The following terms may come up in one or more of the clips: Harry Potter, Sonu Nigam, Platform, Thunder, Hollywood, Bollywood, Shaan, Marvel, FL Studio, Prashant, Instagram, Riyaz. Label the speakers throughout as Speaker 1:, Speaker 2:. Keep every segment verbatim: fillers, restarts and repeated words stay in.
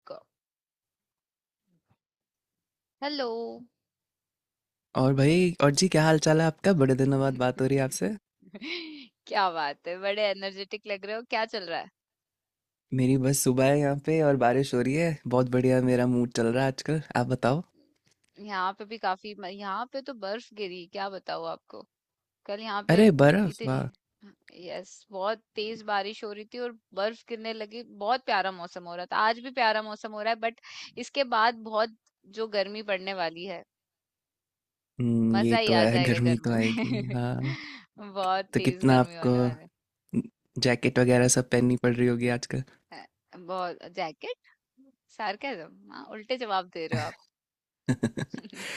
Speaker 1: आपको। हेलो।
Speaker 2: और भाई और जी क्या हाल चाल है आपका बड़े दिनों बाद बात हो रही है आपसे।
Speaker 1: क्या बात है, बड़े एनर्जेटिक लग रहे हो, क्या चल रहा है।
Speaker 2: मेरी बस सुबह है यहाँ पे और बारिश हो रही है बहुत बढ़िया मेरा मूड चल रहा है आजकल। आप बताओ।
Speaker 1: यहाँ पे भी काफी म- यहाँ पे तो बर्फ गिरी, क्या बताऊँ आपको। कल यहाँ पे
Speaker 2: अरे बर्फ
Speaker 1: इतनी,
Speaker 2: वाह।
Speaker 1: यस, बहुत तेज बारिश हो रही थी और बर्फ गिरने लगी। बहुत प्यारा मौसम हो रहा था, आज भी प्यारा मौसम हो रहा है, बट इसके बाद बहुत जो गर्मी पड़ने वाली है,
Speaker 2: हम्म, ये
Speaker 1: मजा ही
Speaker 2: तो
Speaker 1: आ
Speaker 2: है।
Speaker 1: जाएगा
Speaker 2: गर्मी तो
Speaker 1: गर्मी
Speaker 2: आएगी
Speaker 1: में।
Speaker 2: हाँ।
Speaker 1: बहुत
Speaker 2: तो
Speaker 1: तेज
Speaker 2: कितना
Speaker 1: गर्मी
Speaker 2: आपको
Speaker 1: होने वाली है।
Speaker 2: जैकेट वगैरह सब पहननी पड़ रही होगी आजकल।
Speaker 1: अ, बहुत जैकेट, सार्केज्म, हाँ उल्टे जवाब दे रहे हो आप।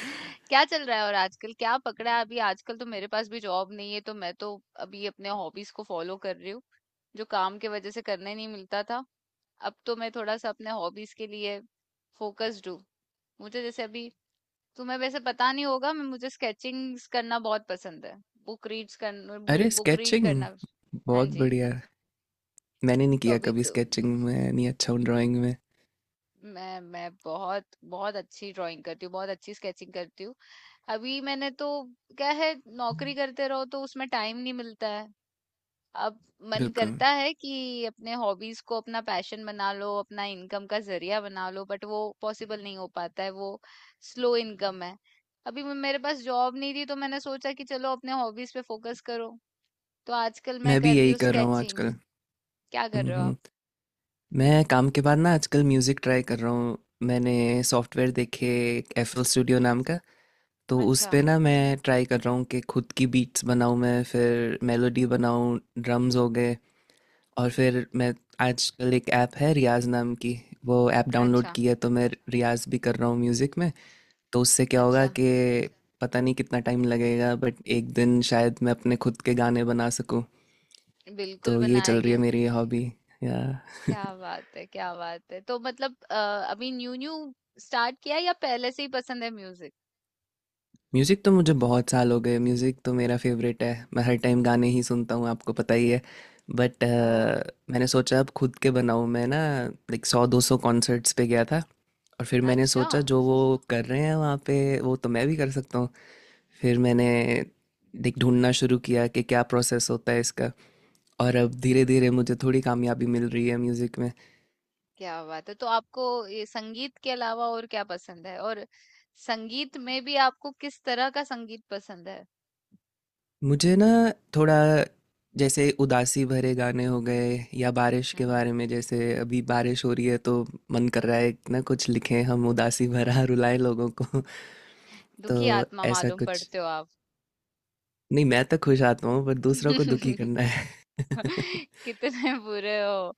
Speaker 1: क्या चल रहा है और आजकल क्या पकड़ा है। अभी आजकल तो मेरे पास भी जॉब नहीं है, तो मैं तो अभी अपने हॉबीज को फॉलो कर रही हूँ, जो काम की वजह से करने नहीं मिलता था। अब तो मैं थोड़ा सा अपने हॉबीज के लिए फोकस्ड हूँ। मुझे जैसे अभी, तुम्हें वैसे पता नहीं होगा, मैं मुझे स्केचिंग्स करना बहुत पसंद है, बुक रीड्स करना,
Speaker 2: अरे
Speaker 1: बुक रीड
Speaker 2: स्केचिंग
Speaker 1: करना। हाँ
Speaker 2: बहुत
Speaker 1: जी।
Speaker 2: बढ़िया। मैंने नहीं
Speaker 1: तो
Speaker 2: किया
Speaker 1: अभी
Speaker 2: कभी
Speaker 1: तो
Speaker 2: स्केचिंग। में नहीं अच्छा हूँ ड्राइंग में।
Speaker 1: मैं मैं बहुत बहुत अच्छी ड्राइंग करती हूँ, बहुत अच्छी स्केचिंग करती हूँ। अभी मैंने तो, क्या है, नौकरी करते रहो तो उसमें टाइम नहीं मिलता है। अब मन
Speaker 2: बिल्कुल।
Speaker 1: करता है कि अपने हॉबीज को अपना पैशन बना लो, अपना इनकम का जरिया बना लो, बट वो पॉसिबल नहीं हो पाता है। वो स्लो इनकम है। अभी म- मेरे पास जॉब नहीं थी, तो मैंने सोचा कि चलो अपने हॉबीज पे फोकस करो। तो आजकल मैं
Speaker 2: मैं भी
Speaker 1: कर रही
Speaker 2: यही
Speaker 1: हूँ
Speaker 2: कर रहा हूँ
Speaker 1: स्केचिंग।
Speaker 2: आजकल।
Speaker 1: क्या कर
Speaker 2: हम्म
Speaker 1: रहे हो आप।
Speaker 2: हम्म। मैं काम के बाद ना आजकल म्यूज़िक ट्राई कर रहा हूँ। मैंने सॉफ्टवेयर देखे एक एफ एल स्टूडियो नाम का तो उस
Speaker 1: अच्छा।
Speaker 2: पे ना मैं ट्राई कर रहा हूँ कि खुद की बीट्स बनाऊँ मैं फिर मेलोडी बनाऊँ ड्रम्स हो गए और फिर मैं आजकल एक ऐप है रियाज नाम की वो ऐप डाउनलोड
Speaker 1: अच्छा।
Speaker 2: की है तो मैं रियाज भी कर रहा हूँ म्यूज़िक में। तो उससे क्या होगा
Speaker 1: अच्छा।
Speaker 2: कि पता नहीं कितना टाइम लगेगा बट एक दिन शायद मैं अपने खुद के गाने बना सकूँ।
Speaker 1: बिल्कुल
Speaker 2: तो ये चल रही है
Speaker 1: बनाएंगे।
Speaker 2: मेरी हॉबी या
Speaker 1: क्या बात है, क्या बात है। तो मतलब अ, अभी न्यू न्यू स्टार्ट किया या पहले से ही पसंद है म्यूजिक।
Speaker 2: म्यूज़िक। तो मुझे बहुत साल हो गए म्यूज़िक तो मेरा फेवरेट है मैं हर टाइम गाने ही सुनता हूँ आपको पता ही है बट
Speaker 1: ओह।
Speaker 2: मैंने सोचा अब खुद के बनाऊँ मैं ना। लाइक सौ दो सौ कॉन्सर्ट्स पे गया था और फिर मैंने
Speaker 1: अच्छा।
Speaker 2: सोचा जो वो कर रहे हैं वहाँ पे वो तो मैं भी कर सकता हूँ। फिर मैंने लाइक ढूंढना शुरू किया कि क्या प्रोसेस होता है इसका और अब धीरे धीरे मुझे थोड़ी कामयाबी मिल रही है म्यूज़िक में।
Speaker 1: क्या बात है, तो आपको ये संगीत के अलावा और क्या पसंद है, और संगीत में भी आपको किस तरह का संगीत पसंद है।
Speaker 2: मुझे ना थोड़ा जैसे उदासी भरे गाने हो गए या बारिश के
Speaker 1: हम्म।
Speaker 2: बारे में। जैसे अभी बारिश हो रही है तो मन कर रहा है कि ना कुछ लिखें हम उदासी भरा रुलाएं लोगों को। तो
Speaker 1: दुखी आत्मा
Speaker 2: ऐसा
Speaker 1: मालूम
Speaker 2: कुछ
Speaker 1: पड़ते हो आप।
Speaker 2: नहीं मैं तो खुश आता हूँ पर दूसरों को दुखी करना है।
Speaker 1: कितने बुरे हो।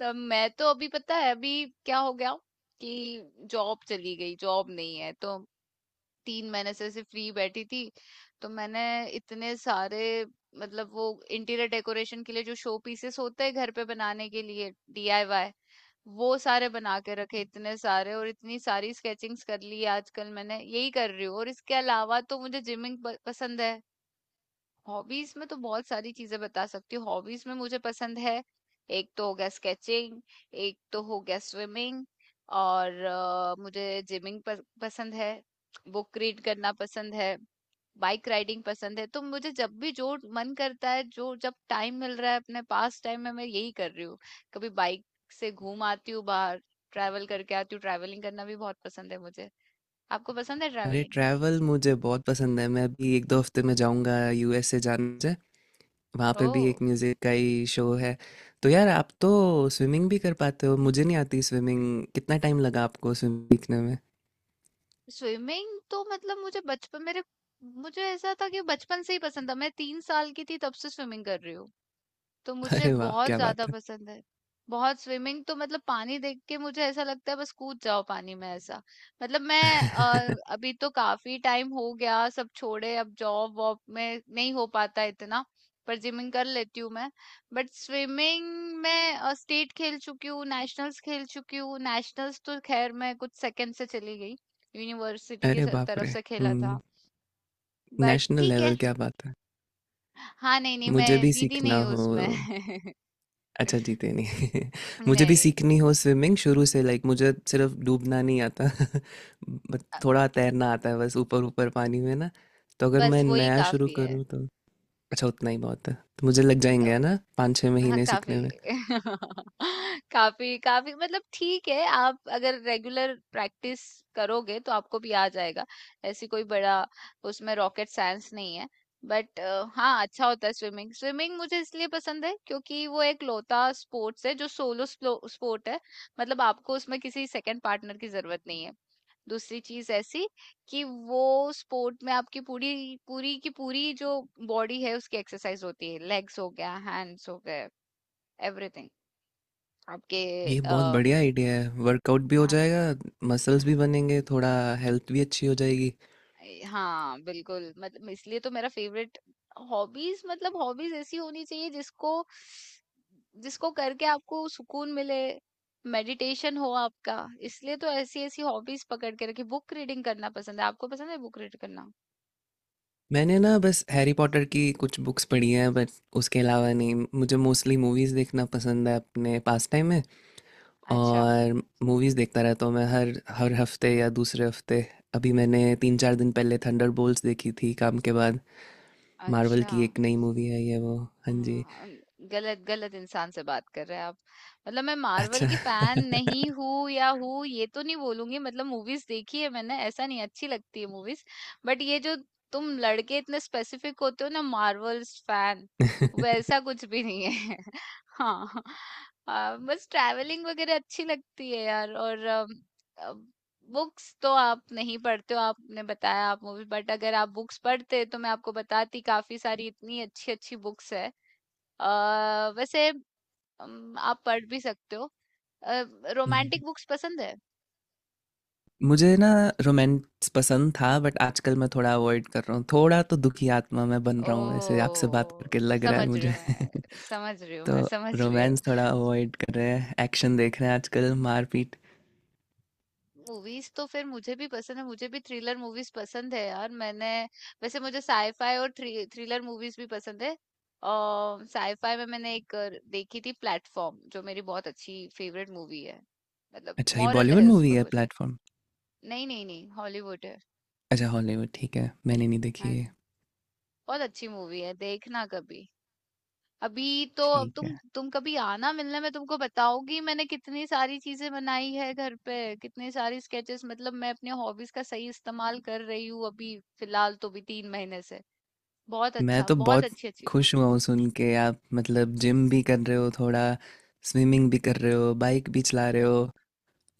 Speaker 1: तो मैं तो अभी, पता है, अभी क्या हो गया कि जॉब चली गई, जॉब नहीं है। तो तीन महीने से ऐसे फ्री बैठी थी। तो मैंने इतने सारे, मतलब वो, इंटीरियर डेकोरेशन के लिए जो शो पीसेस होते हैं घर पे बनाने के लिए, डीआईवाई, वो सारे बना के रखे इतने सारे, और इतनी सारी स्केचिंग्स कर ली। आजकल मैंने यही कर रही हूँ, और इसके अलावा तो मुझे जिमिंग पसंद है। हॉबीज में तो बहुत सारी चीजें बता सकती हूँ। हॉबीज में मुझे पसंद है, एक तो हो गया स्केचिंग, एक तो हो गया स्विमिंग, और अ, मुझे जिमिंग पसंद है, बुक रीड करना पसंद है, बाइक राइडिंग पसंद है। तो मुझे जब भी, जो मन करता है, जो जब टाइम मिल रहा है अपने पास, टाइम में मैं यही कर रही हूँ। कभी बाइक से घूम आती हूँ बाहर, ट्रैवल करके आती हूँ। ट्रैवलिंग करना भी बहुत पसंद है मुझे। आपको पसंद है
Speaker 2: अरे
Speaker 1: ट्रैवलिंग।
Speaker 2: ट्रैवल मुझे बहुत पसंद है। मैं अभी एक दो हफ्ते में जाऊंगा यू एस ए। जाने से वहाँ
Speaker 1: ओ।
Speaker 2: पे भी एक म्यूजिक का ही शो है। तो यार आप तो स्विमिंग भी कर पाते हो मुझे नहीं आती स्विमिंग। कितना टाइम लगा आपको स्विमिंग सीखने में?
Speaker 1: स्विमिंग तो मतलब मुझे बचपन, मेरे, मुझे ऐसा था कि बचपन से ही पसंद था। मैं तीन साल की थी तब से स्विमिंग कर रही हूँ। तो मुझे
Speaker 2: अरे वाह!
Speaker 1: बहुत
Speaker 2: क्या
Speaker 1: ज्यादा
Speaker 2: बात है।
Speaker 1: पसंद है बहुत, स्विमिंग तो मतलब पानी देख के मुझे ऐसा लगता है बस कूद जाओ पानी में, ऐसा। मतलब मैं अ, अभी तो काफी टाइम हो गया सब छोड़े, अब जॉब वॉब में नहीं हो पाता इतना, पर जिमिंग कर लेती हूँ मैं। बट स्विमिंग में स्टेट खेल चुकी हूँ, नेशनल्स खेल चुकी हूँ। नेशनल्स तो खैर मैं कुछ सेकंड से चली गई। यूनिवर्सिटी की
Speaker 2: अरे
Speaker 1: स-
Speaker 2: बाप
Speaker 1: तरफ
Speaker 2: रे!
Speaker 1: से खेला था।
Speaker 2: हुँ,
Speaker 1: बट
Speaker 2: नेशनल
Speaker 1: ठीक
Speaker 2: लेवल
Speaker 1: है।
Speaker 2: क्या बात है।
Speaker 1: हाँ नहीं नहीं,
Speaker 2: मुझे
Speaker 1: मैं
Speaker 2: भी
Speaker 1: जीती
Speaker 2: सीखना
Speaker 1: नहीं हूँ
Speaker 2: हो।
Speaker 1: उसमें।
Speaker 2: अच्छा जीते नहीं। मुझे भी
Speaker 1: नहीं,
Speaker 2: सीखनी हो स्विमिंग शुरू से। लाइक मुझे सिर्फ डूबना नहीं आता। बट थोड़ा तैरना आता है बस ऊपर-ऊपर पानी में ना, तो अगर मैं
Speaker 1: बस वही
Speaker 2: नया शुरू
Speaker 1: काफी है।
Speaker 2: करूँ तो अच्छा उतना ही बहुत है। तो मुझे लग
Speaker 1: अ,
Speaker 2: जाएँगे है ना पाँच छह
Speaker 1: हाँ
Speaker 2: महीने
Speaker 1: काफी।
Speaker 2: सीखने में।
Speaker 1: काफी काफी, मतलब ठीक है, आप अगर रेगुलर प्रैक्टिस करोगे तो आपको भी आ जाएगा। ऐसी कोई बड़ा, उसमें रॉकेट साइंस नहीं है। बट हाँ, अच्छा होता है स्विमिंग। स्विमिंग मुझे इसलिए पसंद है क्योंकि वो एक लौता स्पोर्ट्स है जो सोलो स्पोर्ट है। मतलब आपको उसमें किसी सेकंड पार्टनर की जरूरत नहीं है। दूसरी चीज ऐसी कि वो स्पोर्ट में आपकी पूरी, पूरी की पूरी जो बॉडी है उसकी एक्सरसाइज होती है, लेग्स हो गया, हैंड्स हो गए, एवरीथिंग आपके।
Speaker 2: ये बहुत
Speaker 1: आ,
Speaker 2: बढ़िया आइडिया है, वर्कआउट भी हो
Speaker 1: हाँ।
Speaker 2: जाएगा, मसल्स भी बनेंगे, थोड़ा हेल्थ भी अच्छी हो जाएगी।
Speaker 1: हाँ बिल्कुल, मतलब इसलिए तो मेरा फेवरेट हॉबीज। मतलब हॉबीज ऐसी होनी चाहिए जिसको, जिसको करके आपको सुकून मिले, मेडिटेशन हो आपका। इसलिए तो ऐसी ऐसी हॉबीज पकड़ के रखी। बुक रीडिंग करना पसंद है, आपको पसंद है बुक रीड करना।
Speaker 2: मैंने ना बस हैरी पॉटर की कुछ बुक्स पढ़ी हैं बट उसके अलावा नहीं। मुझे मोस्टली मूवीज़ देखना पसंद है अपने पास टाइम में
Speaker 1: अच्छा।
Speaker 2: और मूवीज़ देखता रहता हूँ मैं हर हर हफ्ते या दूसरे हफ्ते। अभी मैंने तीन चार दिन पहले थंडर देखी थी काम के बाद। मार्वल
Speaker 1: अच्छा।
Speaker 2: की एक नई मूवी है ये वो। हाँ जी।
Speaker 1: हाँ, गलत गलत इंसान से बात कर रहे हैं आप। मतलब मैं मार्वल
Speaker 2: अच्छा।
Speaker 1: की फैन नहीं हूँ या हूँ, ये तो नहीं बोलूंगी। मतलब मूवीज देखी है मैंने, ऐसा नहीं, अच्छी लगती है मूवीज, बट ये जो तुम लड़के इतने स्पेसिफिक होते हो ना मार्वल्स फैन, वैसा कुछ भी नहीं है। हाँ। आ, बस ट्रैवलिंग वगैरह अच्छी लगती है यार, और बुक्स तो आप नहीं पढ़ते हो, आपने बताया आप मूवी, बट अगर आप बुक्स पढ़ते तो मैं आपको बताती, काफी सारी इतनी अच्छी अच्छी बुक्स है। अ, वैसे अम, आप पढ़ भी सकते हो।
Speaker 2: हम्म।
Speaker 1: रोमांटिक बुक्स पसंद है।
Speaker 2: मुझे ना रोमांस पसंद था बट आजकल मैं थोड़ा अवॉइड कर रहा हूँ। थोड़ा तो दुखी आत्मा मैं बन रहा हूँ ऐसे आपसे बात
Speaker 1: ओह,
Speaker 2: करके लग रहा है
Speaker 1: समझ रही
Speaker 2: मुझे।
Speaker 1: हूँ मैं, समझ रही हूँ मैं,
Speaker 2: तो
Speaker 1: समझ रही हूँ।
Speaker 2: रोमांस थोड़ा अवॉइड कर रहे हैं एक्शन देख रहे हैं आजकल मारपीट।
Speaker 1: मूवीज तो फिर मुझे भी पसंद है, मुझे भी थ्रिलर मूवीज पसंद है यार। मैंने वैसे मुझे साईफाई और थ्री, थ्रिलर मूवीज भी पसंद है। और साईफाई में मैंने एक अ, देखी थी प्लेटफॉर्म, जो मेरी बहुत अच्छी फेवरेट मूवी है। मतलब
Speaker 2: अच्छा ये
Speaker 1: मॉरल
Speaker 2: बॉलीवुड
Speaker 1: है
Speaker 2: मूवी
Speaker 1: उसमें
Speaker 2: है
Speaker 1: कुछ।
Speaker 2: प्लेटफॉर्म।
Speaker 1: नहीं नहीं नहीं, हॉलीवुड है।
Speaker 2: अच्छा हॉलीवुड ठीक है मैंने नहीं देखी
Speaker 1: हाँ,
Speaker 2: है।
Speaker 1: बहुत अच्छी मूवी है, देखना कभी। अभी तो अब
Speaker 2: ठीक
Speaker 1: तुम
Speaker 2: है।
Speaker 1: तुम कभी आना मिलने में, तुमको बताओगी मैंने कितनी सारी चीजें बनाई है घर पे, कितनी सारी स्केचेस। मतलब मैं अपने हॉबीज का सही इस्तेमाल कर रही हूँ अभी, फिलहाल तो, भी तीन महीने से। बहुत
Speaker 2: मैं
Speaker 1: अच्छा,
Speaker 2: तो
Speaker 1: बहुत
Speaker 2: बहुत
Speaker 1: अच्छी अच्छी।
Speaker 2: खुश हुआ हूँ सुन के। आप मतलब जिम भी कर रहे हो थोड़ा स्विमिंग भी कर रहे हो बाइक भी चला रहे हो।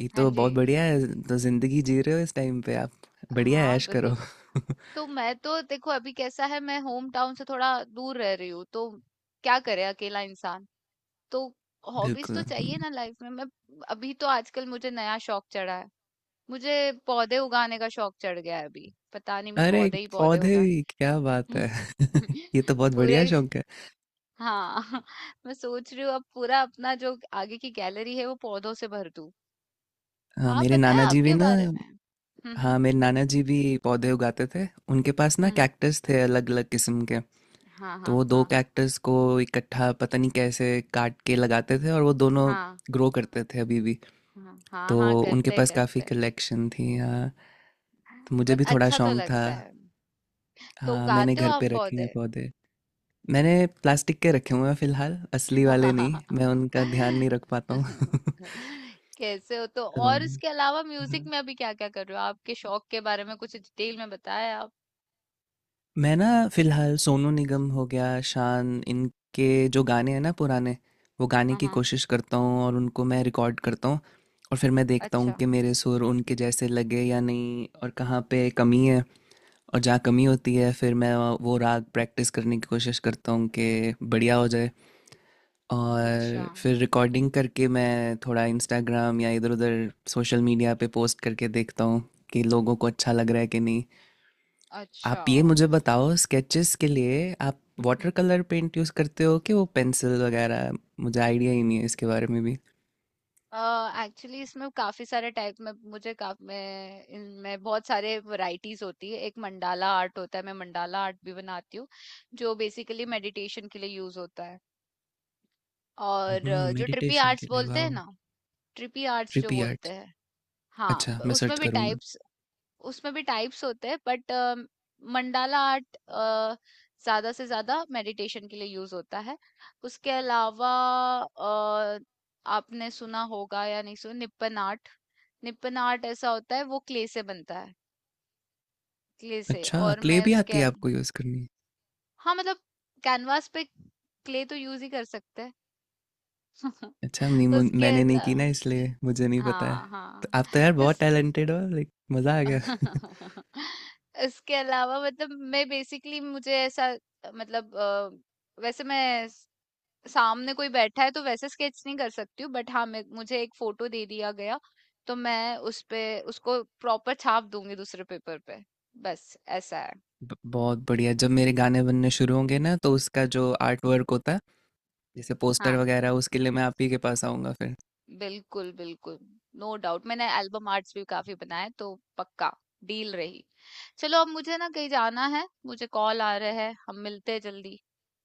Speaker 2: ये
Speaker 1: हाँ
Speaker 2: तो
Speaker 1: जी।
Speaker 2: बहुत बढ़िया है। तो जिंदगी जी रहे हो इस टाइम पे आप। बढ़िया
Speaker 1: हाँ
Speaker 2: ऐश
Speaker 1: बिल्कुल।
Speaker 2: करो।
Speaker 1: तो मैं तो देखो अभी कैसा है, मैं होम टाउन से थोड़ा दूर रह रही हूँ, तो क्या करे अकेला इंसान। तो हॉबीज
Speaker 2: बिल्कुल
Speaker 1: तो
Speaker 2: हम्म।
Speaker 1: चाहिए ना लाइफ में। मैं अभी तो आजकल मुझे नया शौक चढ़ा है, मुझे पौधे उगाने का शौक चढ़ गया है अभी। पता नहीं मैं
Speaker 2: अरे
Speaker 1: पौधे ही पौधे
Speaker 2: पौधे
Speaker 1: उगा,
Speaker 2: भी क्या बात है। ये तो बहुत बढ़िया
Speaker 1: पूरे,
Speaker 2: शौक है।
Speaker 1: हाँ। मैं सोच रही हूँ अब पूरा अपना जो आगे की गैलरी है वो पौधों से भर दूँ।
Speaker 2: हाँ
Speaker 1: आप
Speaker 2: मेरे
Speaker 1: बताएं
Speaker 2: नाना जी भी
Speaker 1: आपके
Speaker 2: ना
Speaker 1: बारे में। हम्म हम्म।
Speaker 2: हाँ मेरे नाना जी भी पौधे उगाते थे। उनके पास ना
Speaker 1: हम्म।
Speaker 2: कैक्टस थे अलग अलग किस्म के
Speaker 1: हाँ
Speaker 2: तो
Speaker 1: हाँ
Speaker 2: वो दो
Speaker 1: हाँ।
Speaker 2: कैक्टस को इकट्ठा पता नहीं कैसे काट के लगाते थे और वो दोनों
Speaker 1: हाँ
Speaker 2: ग्रो करते थे अभी भी।
Speaker 1: हाँ हाँ
Speaker 2: तो
Speaker 1: हाँ।
Speaker 2: उनके
Speaker 1: करते
Speaker 2: पास काफ़ी
Speaker 1: करते।
Speaker 2: कलेक्शन थी हाँ। तो मुझे
Speaker 1: बट
Speaker 2: भी थोड़ा
Speaker 1: अच्छा तो
Speaker 2: शौक था।
Speaker 1: लगता है। तो
Speaker 2: हाँ मैंने
Speaker 1: उगाते हो
Speaker 2: घर
Speaker 1: आप
Speaker 2: पे रखे हैं
Speaker 1: पौधे।
Speaker 2: पौधे। मैंने प्लास्टिक के रखे हुए हैं फिलहाल असली वाले नहीं मैं उनका ध्यान नहीं रख पाता हूँ।
Speaker 1: कैसे हो। तो
Speaker 2: तो,
Speaker 1: और इसके अलावा म्यूजिक
Speaker 2: हाँ।
Speaker 1: में अभी क्या क्या कर रहे हो, आपके शौक के बारे में कुछ डिटेल में बताएं आप।
Speaker 2: मैं ना फ़िलहाल सोनू निगम हो गया, शान, इनके जो गाने हैं ना पुराने, वो गाने
Speaker 1: हाँ
Speaker 2: की
Speaker 1: हाँ।
Speaker 2: कोशिश करता हूँ और उनको मैं रिकॉर्ड करता हूँ। और फिर मैं देखता हूँ
Speaker 1: अच्छा।
Speaker 2: कि मेरे सुर उनके जैसे लगे या नहीं और कहाँ पे कमी है और जहाँ कमी होती है फिर मैं वो राग प्रैक्टिस करने की कोशिश करता हूँ कि बढ़िया हो जाए।
Speaker 1: अच्छा।
Speaker 2: और फिर रिकॉर्डिंग करके मैं थोड़ा इंस्टाग्राम या इधर-उधर सोशल मीडिया पे पोस्ट करके देखता हूँ कि लोगों को अच्छा लग रहा है कि नहीं।
Speaker 1: अच्छा।
Speaker 2: आप ये मुझे बताओ स्केचेस के लिए आप वाटर
Speaker 1: हम्म।
Speaker 2: कलर पेंट यूज़ करते हो कि वो पेंसिल वगैरह। मुझे आइडिया ही नहीं है इसके बारे में भी।
Speaker 1: एक्चुअली इसमें काफी सारे टाइप में मुझे का, मैं इनमें बहुत सारे वैरायटीज होती है, एक मंडाला आर्ट होता है, मैं मंडाला आर्ट भी बनाती हूँ, जो बेसिकली मेडिटेशन के लिए यूज होता है। और
Speaker 2: हम्म
Speaker 1: अ, जो ट्रिपी
Speaker 2: मेडिटेशन
Speaker 1: आर्ट्स
Speaker 2: के लिए
Speaker 1: बोलते
Speaker 2: वाह।
Speaker 1: हैं ना, ट्रिपी आर्ट्स जो
Speaker 2: ट्रिपी
Speaker 1: बोलते
Speaker 2: आर्ट।
Speaker 1: हैं, हाँ,
Speaker 2: अच्छा
Speaker 1: ब-
Speaker 2: मैं
Speaker 1: उसमें
Speaker 2: सर्च
Speaker 1: भी
Speaker 2: करूँगा।
Speaker 1: टाइप्स, उसमें भी टाइप्स होते हैं। बट मंडाला आर्ट ज्यादा से ज्यादा मेडिटेशन के लिए यूज होता है। उसके अलावा अ, आपने सुना होगा या नहीं सुना, निपन आर्ट। निपन आर्ट ऐसा होता है, वो क्ले से बनता है, क्ले से।
Speaker 2: अच्छा
Speaker 1: और
Speaker 2: क्ले
Speaker 1: मैं
Speaker 2: भी
Speaker 1: उसके
Speaker 2: आती है
Speaker 1: अल-
Speaker 2: आपको यूज़ करनी।
Speaker 1: हाँ मतलब कैनवास पे क्ले तो यूज ही कर सकते हैं।
Speaker 2: अच्छा नहीं मु-
Speaker 1: उसके
Speaker 2: मैंने नहीं की
Speaker 1: अला-
Speaker 2: ना इसलिए मुझे नहीं पता है।
Speaker 1: हाँ
Speaker 2: तो
Speaker 1: हाँ।
Speaker 2: आप तो यार बहुत
Speaker 1: इस,
Speaker 2: टैलेंटेड हो लाइक मज़ा आ गया।
Speaker 1: इसके अलावा मतलब मैं बेसिकली, मुझे ऐसा मतलब अ, वैसे मैं स- सामने कोई बैठा है तो वैसे स्केच नहीं कर सकती हूँ। बट हाँ मैं, मुझे एक फोटो दे दिया गया तो मैं उस पे, उसको प्रॉपर छाप दूंगी दूसरे पेपर पे। बस ऐसा है।
Speaker 2: ब- बहुत बढ़िया। जब मेरे गाने बनने शुरू होंगे ना तो उसका जो आर्ट वर्क होता है जैसे पोस्टर
Speaker 1: हाँ
Speaker 2: वगैरह उसके लिए मैं आप ही के पास आऊँगा फिर।
Speaker 1: बिल्कुल बिल्कुल, नो डाउट। मैंने एल्बम आर्ट्स भी काफी बनाए तो पक्का डील रही। चलो अब मुझे ना कहीं जाना है, मुझे कॉल आ रहा है। हम मिलते हैं जल्दी,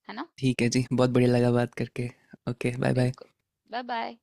Speaker 1: है ना।
Speaker 2: ठीक है जी बहुत बढ़िया लगा बात करके। Okay bye bye.
Speaker 1: बिल्कुल। Bye bye.